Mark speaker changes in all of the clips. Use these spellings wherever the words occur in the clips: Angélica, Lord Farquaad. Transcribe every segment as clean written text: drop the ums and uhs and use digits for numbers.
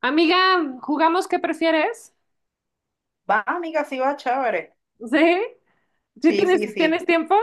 Speaker 1: Amiga, ¿jugamos qué prefieres?
Speaker 2: Va, amiga, sí va, chévere.
Speaker 1: ¿Sí? ¿Sí
Speaker 2: Sí,
Speaker 1: tienes,
Speaker 2: sí,
Speaker 1: tienes
Speaker 2: sí.
Speaker 1: tiempo?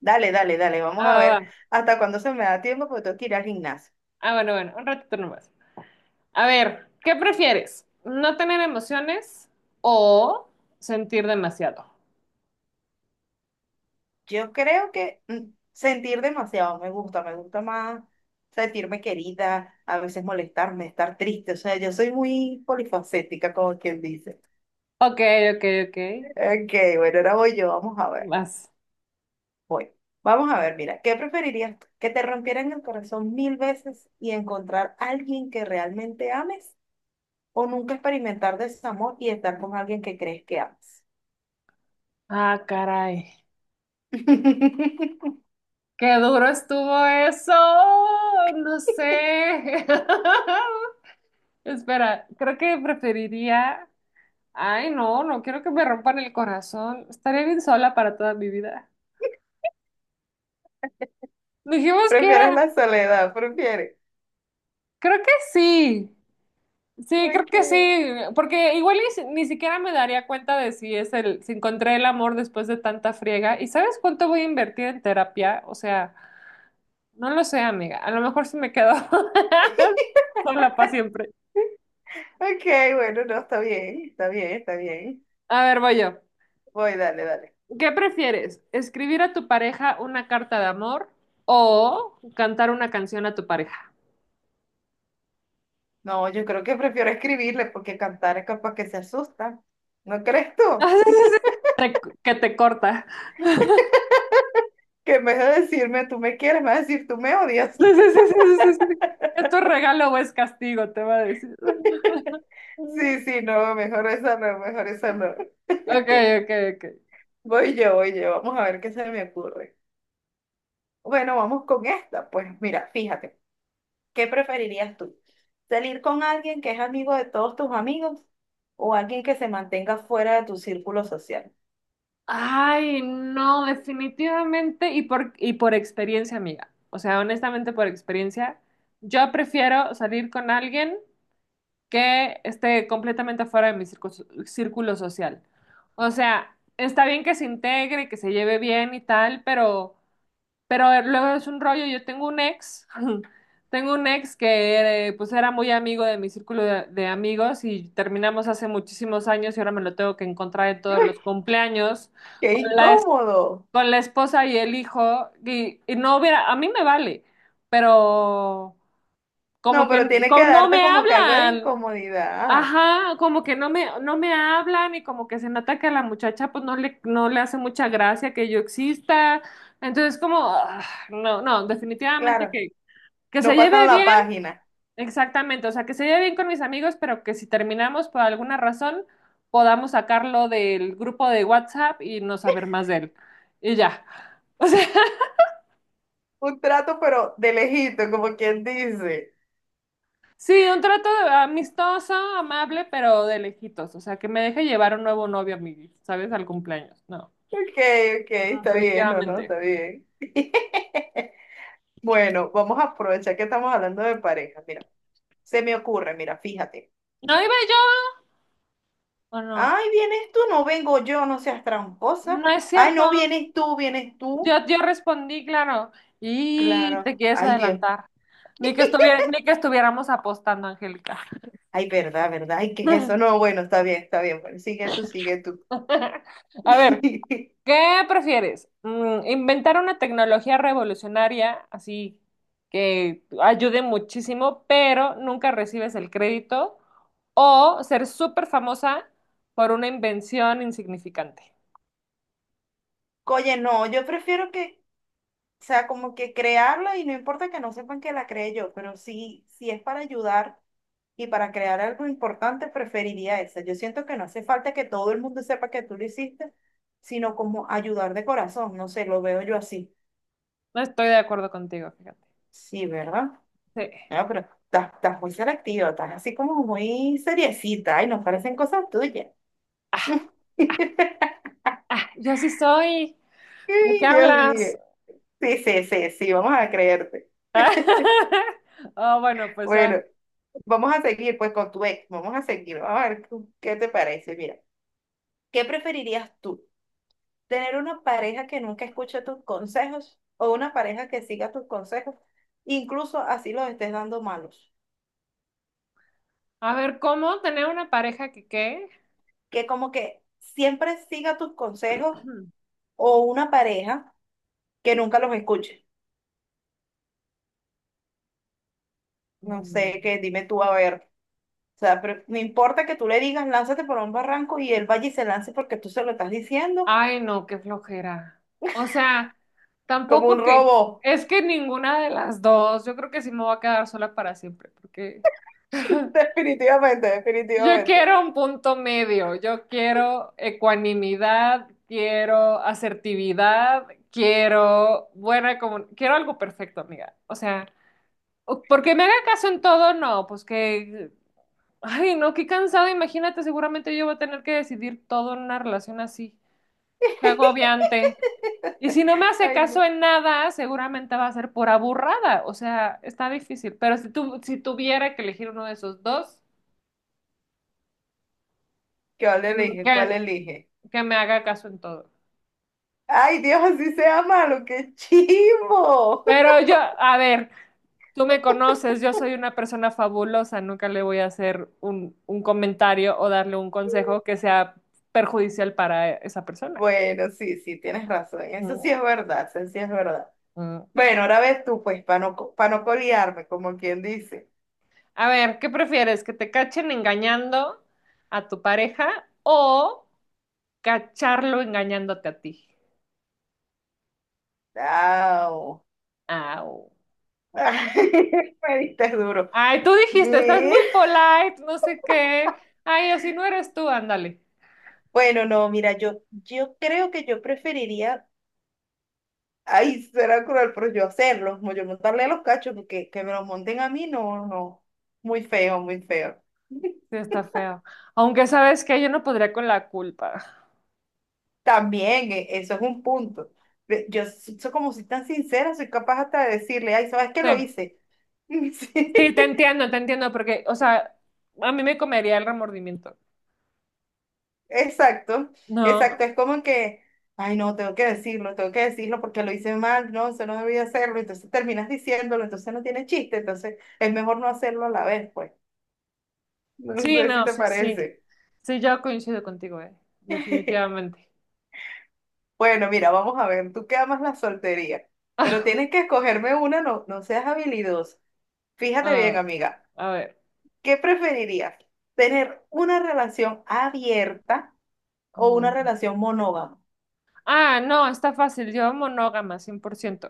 Speaker 2: Dale, dale, dale. Vamos a
Speaker 1: Ah,
Speaker 2: ver
Speaker 1: va.
Speaker 2: hasta cuándo se me da tiempo porque tengo que ir al gimnasio.
Speaker 1: Ah, bueno, bueno, un ratito nomás. A ver, ¿qué prefieres? ¿No tener emociones o sentir demasiado?
Speaker 2: Yo creo que sentir demasiado me gusta más sentirme querida, a veces molestarme, estar triste. O sea, yo soy muy polifacética, como quien dice.
Speaker 1: Ok, ok, ok.
Speaker 2: Ok, bueno, ahora voy yo, vamos a ver.
Speaker 1: Vas.
Speaker 2: Voy. Vamos a ver, mira, ¿qué preferirías? ¿Que te rompieran el corazón mil veces y encontrar a alguien que realmente ames? O nunca experimentar desamor y estar con alguien que crees que amas.
Speaker 1: Ah, caray. Qué duro estuvo eso. No sé. Espera, creo que preferiría. Ay, no, no quiero que me rompan el corazón. Estaría bien sola para toda mi vida. Dijimos que
Speaker 2: Prefieres
Speaker 1: era,
Speaker 2: la soledad, prefieres.
Speaker 1: creo que sí, sí, creo
Speaker 2: Ok,
Speaker 1: que sí, porque igual y ni siquiera me daría cuenta de si es el, si encontré el amor después de tanta friega. ¿Y sabes cuánto voy a invertir en terapia? O sea, no lo sé, amiga. A lo mejor sí me quedo sola para siempre.
Speaker 2: ok, bueno, no, está bien, está bien, está bien.
Speaker 1: A ver, voy yo.
Speaker 2: Voy, dale, dale.
Speaker 1: ¿Qué prefieres? ¿Escribir a tu pareja una carta de amor o cantar una canción a tu pareja?
Speaker 2: No, yo creo que prefiero escribirle porque cantar es capaz que se asusta. ¿No crees tú?
Speaker 1: Que te corta.
Speaker 2: Que en vez de decirme tú me quieres, me vas a decir tú me odias.
Speaker 1: Sí, sí, sí, sí, sí, sí. ¿Esto es regalo o es castigo? Te va a decir.
Speaker 2: Sí, sí, no, mejor esa no, mejor esa no.
Speaker 1: Ok, ok, ok.
Speaker 2: Voy yo, vamos a ver qué se me ocurre. Bueno, vamos con esta. Pues mira, fíjate. ¿Qué preferirías tú? ¿Salir con alguien que es amigo de todos tus amigos o alguien que se mantenga fuera de tu círculo social?
Speaker 1: Ay, no, definitivamente y por experiencia, amiga. O sea, honestamente por experiencia, yo prefiero salir con alguien que esté completamente fuera de mi círculo social. O sea, está bien que se integre, que se lleve bien y tal, pero luego es un rollo, yo tengo un ex, tengo un ex que pues era muy amigo de mi círculo de amigos y terminamos hace muchísimos años y ahora me lo tengo que encontrar en todos
Speaker 2: ¡Ay,
Speaker 1: los cumpleaños
Speaker 2: ¡qué
Speaker 1: con
Speaker 2: incómodo!
Speaker 1: con la esposa y el hijo y no hubiera, a mí me vale, pero como
Speaker 2: No,
Speaker 1: que
Speaker 2: pero tiene que
Speaker 1: como no
Speaker 2: darte
Speaker 1: me
Speaker 2: como que algo de
Speaker 1: hablan.
Speaker 2: incomodidad. Ah,
Speaker 1: Ajá, como que no me hablan y como que se nota que a la muchacha pues no le hace mucha gracia que yo exista. Entonces como, ah, no, no, definitivamente
Speaker 2: claro,
Speaker 1: que se
Speaker 2: no
Speaker 1: lleve
Speaker 2: pasan la
Speaker 1: bien,
Speaker 2: página.
Speaker 1: exactamente, o sea, que se lleve bien con mis amigos, pero que si terminamos por alguna razón, podamos sacarlo del grupo de WhatsApp y no saber más de él. Y ya. O sea,
Speaker 2: Un trato, pero de lejito, como quien dice.
Speaker 1: sí, un amistoso, amable, pero de lejitos. O sea, que me deje llevar un nuevo novio a mi, ¿sabes? Al cumpleaños. No.
Speaker 2: Ok, ok, está bien, no, no,
Speaker 1: Definitivamente.
Speaker 2: está bien. Bueno, vamos a aprovechar que estamos hablando de pareja. Mira, se me ocurre, mira, fíjate.
Speaker 1: ¿No iba yo o no?
Speaker 2: Ay, vienes tú, no vengo yo, no seas tramposa.
Speaker 1: No es
Speaker 2: Ay,
Speaker 1: cierto.
Speaker 2: no, vienes tú, vienes tú.
Speaker 1: Yo respondí, claro. Y te
Speaker 2: Claro.
Speaker 1: quieres
Speaker 2: Ay, Dios.
Speaker 1: adelantar. Ni que estuviera, ni que estuviéramos apostando, Angélica.
Speaker 2: Ay, verdad, verdad. Ay, ¿qué es eso? No, bueno, está bien, está bien. Bueno, sigue tú, sigue tú.
Speaker 1: A ver, ¿qué prefieres? ¿Inventar una tecnología revolucionaria así que ayude muchísimo, pero nunca recibes el crédito? ¿O ser súper famosa por una invención insignificante?
Speaker 2: Oye, no, yo prefiero que, o sea, como que crearla y no importa que no sepan que la creé yo, pero sí, sí es para ayudar. Y para crear algo importante preferiría esa. Yo siento que no hace falta que todo el mundo sepa que tú lo hiciste, sino como ayudar de corazón. No sé, lo veo yo así.
Speaker 1: No estoy de acuerdo contigo, fíjate.
Speaker 2: Sí, ¿verdad?
Speaker 1: Sí.
Speaker 2: No, pero estás muy selectiva, estás así como muy seriecita y nos parecen cosas tuyas.
Speaker 1: Ah, yo sí soy. ¿De qué
Speaker 2: Ay, Dios mío.
Speaker 1: hablas?
Speaker 2: Sí, sí, sí, sí, vamos a creerte.
Speaker 1: Oh, bueno, pues ya.
Speaker 2: Bueno, vamos a seguir pues con tu ex, vamos a seguir, vamos a ver qué te parece. Mira, ¿qué preferirías tú? Tener una pareja que nunca escuche tus consejos o una pareja que siga tus consejos, incluso así los estés dando malos.
Speaker 1: A ver, ¿cómo tener una pareja que qué?
Speaker 2: Que como que siempre siga tus consejos o una pareja que nunca los escuche. No sé,
Speaker 1: Mm.
Speaker 2: que dime tú a ver. O sea, pero no importa que tú le digas, lánzate por un barranco y él vaya y se lance porque tú se lo estás diciendo
Speaker 1: Ay, no, qué flojera. O sea,
Speaker 2: como un
Speaker 1: tampoco que
Speaker 2: robot.
Speaker 1: es que ninguna de las dos. Yo creo que sí me voy a quedar sola para siempre, porque
Speaker 2: Definitivamente,
Speaker 1: yo
Speaker 2: definitivamente.
Speaker 1: quiero un punto medio. Yo quiero ecuanimidad, quiero asertividad, quiero buena comunicación, quiero algo perfecto, amiga. O sea. Porque me haga caso en todo, no, pues que, ay, no, qué cansado, imagínate, seguramente yo voy a tener que decidir todo en una relación así, qué agobiante. Y si no me hace
Speaker 2: Ay,
Speaker 1: caso
Speaker 2: no.
Speaker 1: en nada, seguramente va a ser por aburrada, o sea, está difícil, pero si si tuviera que elegir uno de esos dos,
Speaker 2: ¿Cuál
Speaker 1: que,
Speaker 2: elige? ¿Cuál
Speaker 1: que-
Speaker 2: elige?
Speaker 1: que me haga caso en todo.
Speaker 2: Ay, Dios, así sea malo, qué chivo.
Speaker 1: Pero yo, a ver, tú me conoces, yo soy una persona fabulosa, nunca le voy a hacer un comentario o darle un consejo que sea perjudicial para esa persona.
Speaker 2: Bueno, sí, sí, tienes razón. Eso sí
Speaker 1: Mm,
Speaker 2: es verdad, eso sí es verdad.
Speaker 1: mm.
Speaker 2: Bueno, ahora ves tú, pues, para no, pa' no colearme, como quien dice.
Speaker 1: A ver, ¿qué prefieres? ¿Que te cachen engañando a tu pareja o cacharlo engañándote a ti?
Speaker 2: Chao.
Speaker 1: Au.
Speaker 2: Me diste duro.
Speaker 1: Ay, tú dijiste, estás
Speaker 2: Eh,
Speaker 1: muy polite, no sé qué. Ay, o si no eres tú, ándale.
Speaker 2: Bueno, no, mira, yo creo que yo preferiría, ay, será cruel, pero yo hacerlo, como yo montarle a los cachos, porque que me los monten a mí, no, no. Muy feo, muy feo.
Speaker 1: Sí, está feo. Aunque sabes que yo no podría con la culpa.
Speaker 2: También, eso es un punto. Como soy tan sincera, soy capaz hasta de decirle, ay, ¿sabes qué lo
Speaker 1: Sí,
Speaker 2: hice? Sí,
Speaker 1: sí, te entiendo, porque, o sea, a mí me comería el remordimiento.
Speaker 2: exacto,
Speaker 1: No,
Speaker 2: exacto. Es como que, ay, no, tengo que decirlo porque lo hice mal, no, se no debía hacerlo. Entonces terminas diciéndolo, entonces no tiene chiste, entonces es mejor no hacerlo a la vez, pues. No
Speaker 1: sí,
Speaker 2: sé si
Speaker 1: no,
Speaker 2: te
Speaker 1: sí, sí.
Speaker 2: parece.
Speaker 1: Sí, yo coincido contigo, definitivamente.
Speaker 2: Bueno, mira, vamos a ver, tú que amas la soltería, pero tienes que escogerme una, no, no seas habilidosa. Fíjate bien,
Speaker 1: Ah,
Speaker 2: amiga.
Speaker 1: a ver.
Speaker 2: ¿Qué preferirías? ¿Tener una relación abierta o una
Speaker 1: um,
Speaker 2: relación monógama?
Speaker 1: Ah, no, está fácil. Yo monógama, 100%.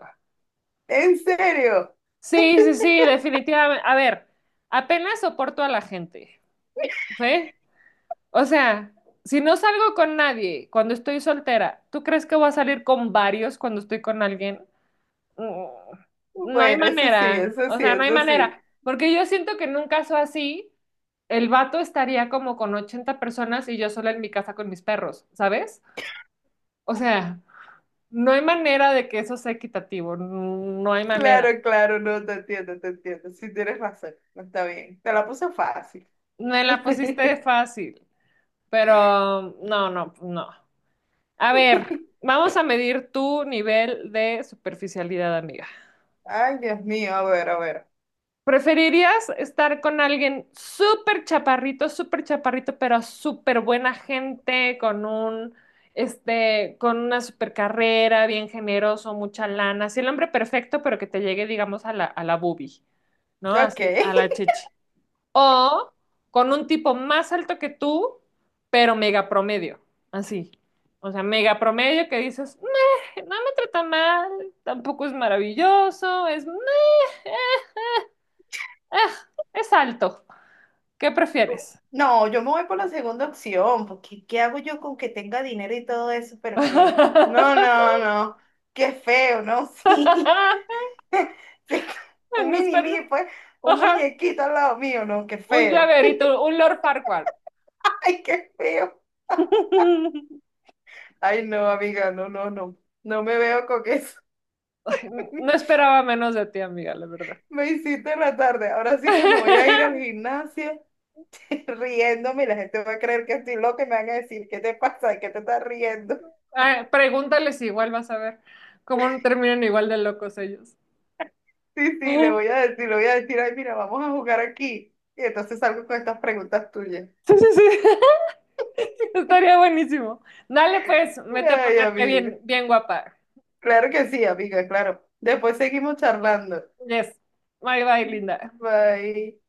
Speaker 2: ¿En serio?
Speaker 1: Sí, sí, sí, definitivamente. A ver, apenas soporto a la gente, ¿sí? O sea, si no salgo con nadie cuando estoy soltera, ¿tú crees que voy a salir con varios cuando estoy con alguien? Mm. No hay
Speaker 2: Bueno, eso sí,
Speaker 1: manera.
Speaker 2: eso
Speaker 1: O
Speaker 2: sí,
Speaker 1: sea, no hay
Speaker 2: eso sí.
Speaker 1: manera. Porque yo siento que en un caso así, el vato estaría como con 80 personas y yo sola en mi casa con mis perros, ¿sabes? O sea... No hay manera de que eso sea equitativo, no hay manera.
Speaker 2: Claro, claro, no, te entiendo, te entiendo. Sí, tienes razón, no está bien. Te la puse fácil.
Speaker 1: Me la pusiste fácil, pero no, no, no. A ver, vamos a medir tu nivel de superficialidad, amiga.
Speaker 2: Ay, Dios mío, a ver, a ver.
Speaker 1: ¿Preferirías estar con alguien súper chaparrito, pero súper buena gente, con un, este, con una súper carrera, bien generoso, mucha lana? Así el hombre perfecto, pero que te llegue, digamos, a a la boobie, ¿no?
Speaker 2: Ok.
Speaker 1: Así, a la chichi. O con un tipo más alto que tú, pero mega promedio, así. O sea, mega promedio que dices, "Meh, no me trata mal, tampoco es maravilloso, es, meh, ah, es alto. ¿Qué prefieres?
Speaker 2: No, yo me voy por la segunda opción, porque ¿qué hago yo con que tenga dinero y todo eso? Pero que... No, no, no. Qué feo, ¿no? Sí. Sí, un
Speaker 1: No
Speaker 2: mini
Speaker 1: espero-
Speaker 2: mí pues, un
Speaker 1: Ajá,
Speaker 2: muñequito al lado mío, no, qué
Speaker 1: un
Speaker 2: feo.
Speaker 1: llaverito, un Lord Farquaad.
Speaker 2: Ay, qué feo. Ay, no, amiga, no, no, no. No me veo con eso.
Speaker 1: Ay, no esperaba menos de ti, amiga, la verdad.
Speaker 2: Me hiciste en la tarde. Ahora sí que me voy a ir al gimnasio riéndome y la gente va a creer que estoy loca y me van a decir, ¿qué te pasa? ¿De ¿Qué te estás riendo?
Speaker 1: Ay, pregúntales igual, vas a ver cómo no terminan igual de locos ellos.
Speaker 2: Sí,
Speaker 1: Sí,
Speaker 2: sí, le voy a decir, le voy a decir, ay, mira, vamos a jugar aquí. Y entonces salgo con estas preguntas tuyas.
Speaker 1: sí, sí. Estaría buenísimo. Dale pues, vete a
Speaker 2: Ay,
Speaker 1: ponerte
Speaker 2: amiga.
Speaker 1: bien, bien guapa.
Speaker 2: Claro que sí, amiga, claro. Después seguimos charlando.
Speaker 1: Yes. Bye bye, linda.
Speaker 2: Bye.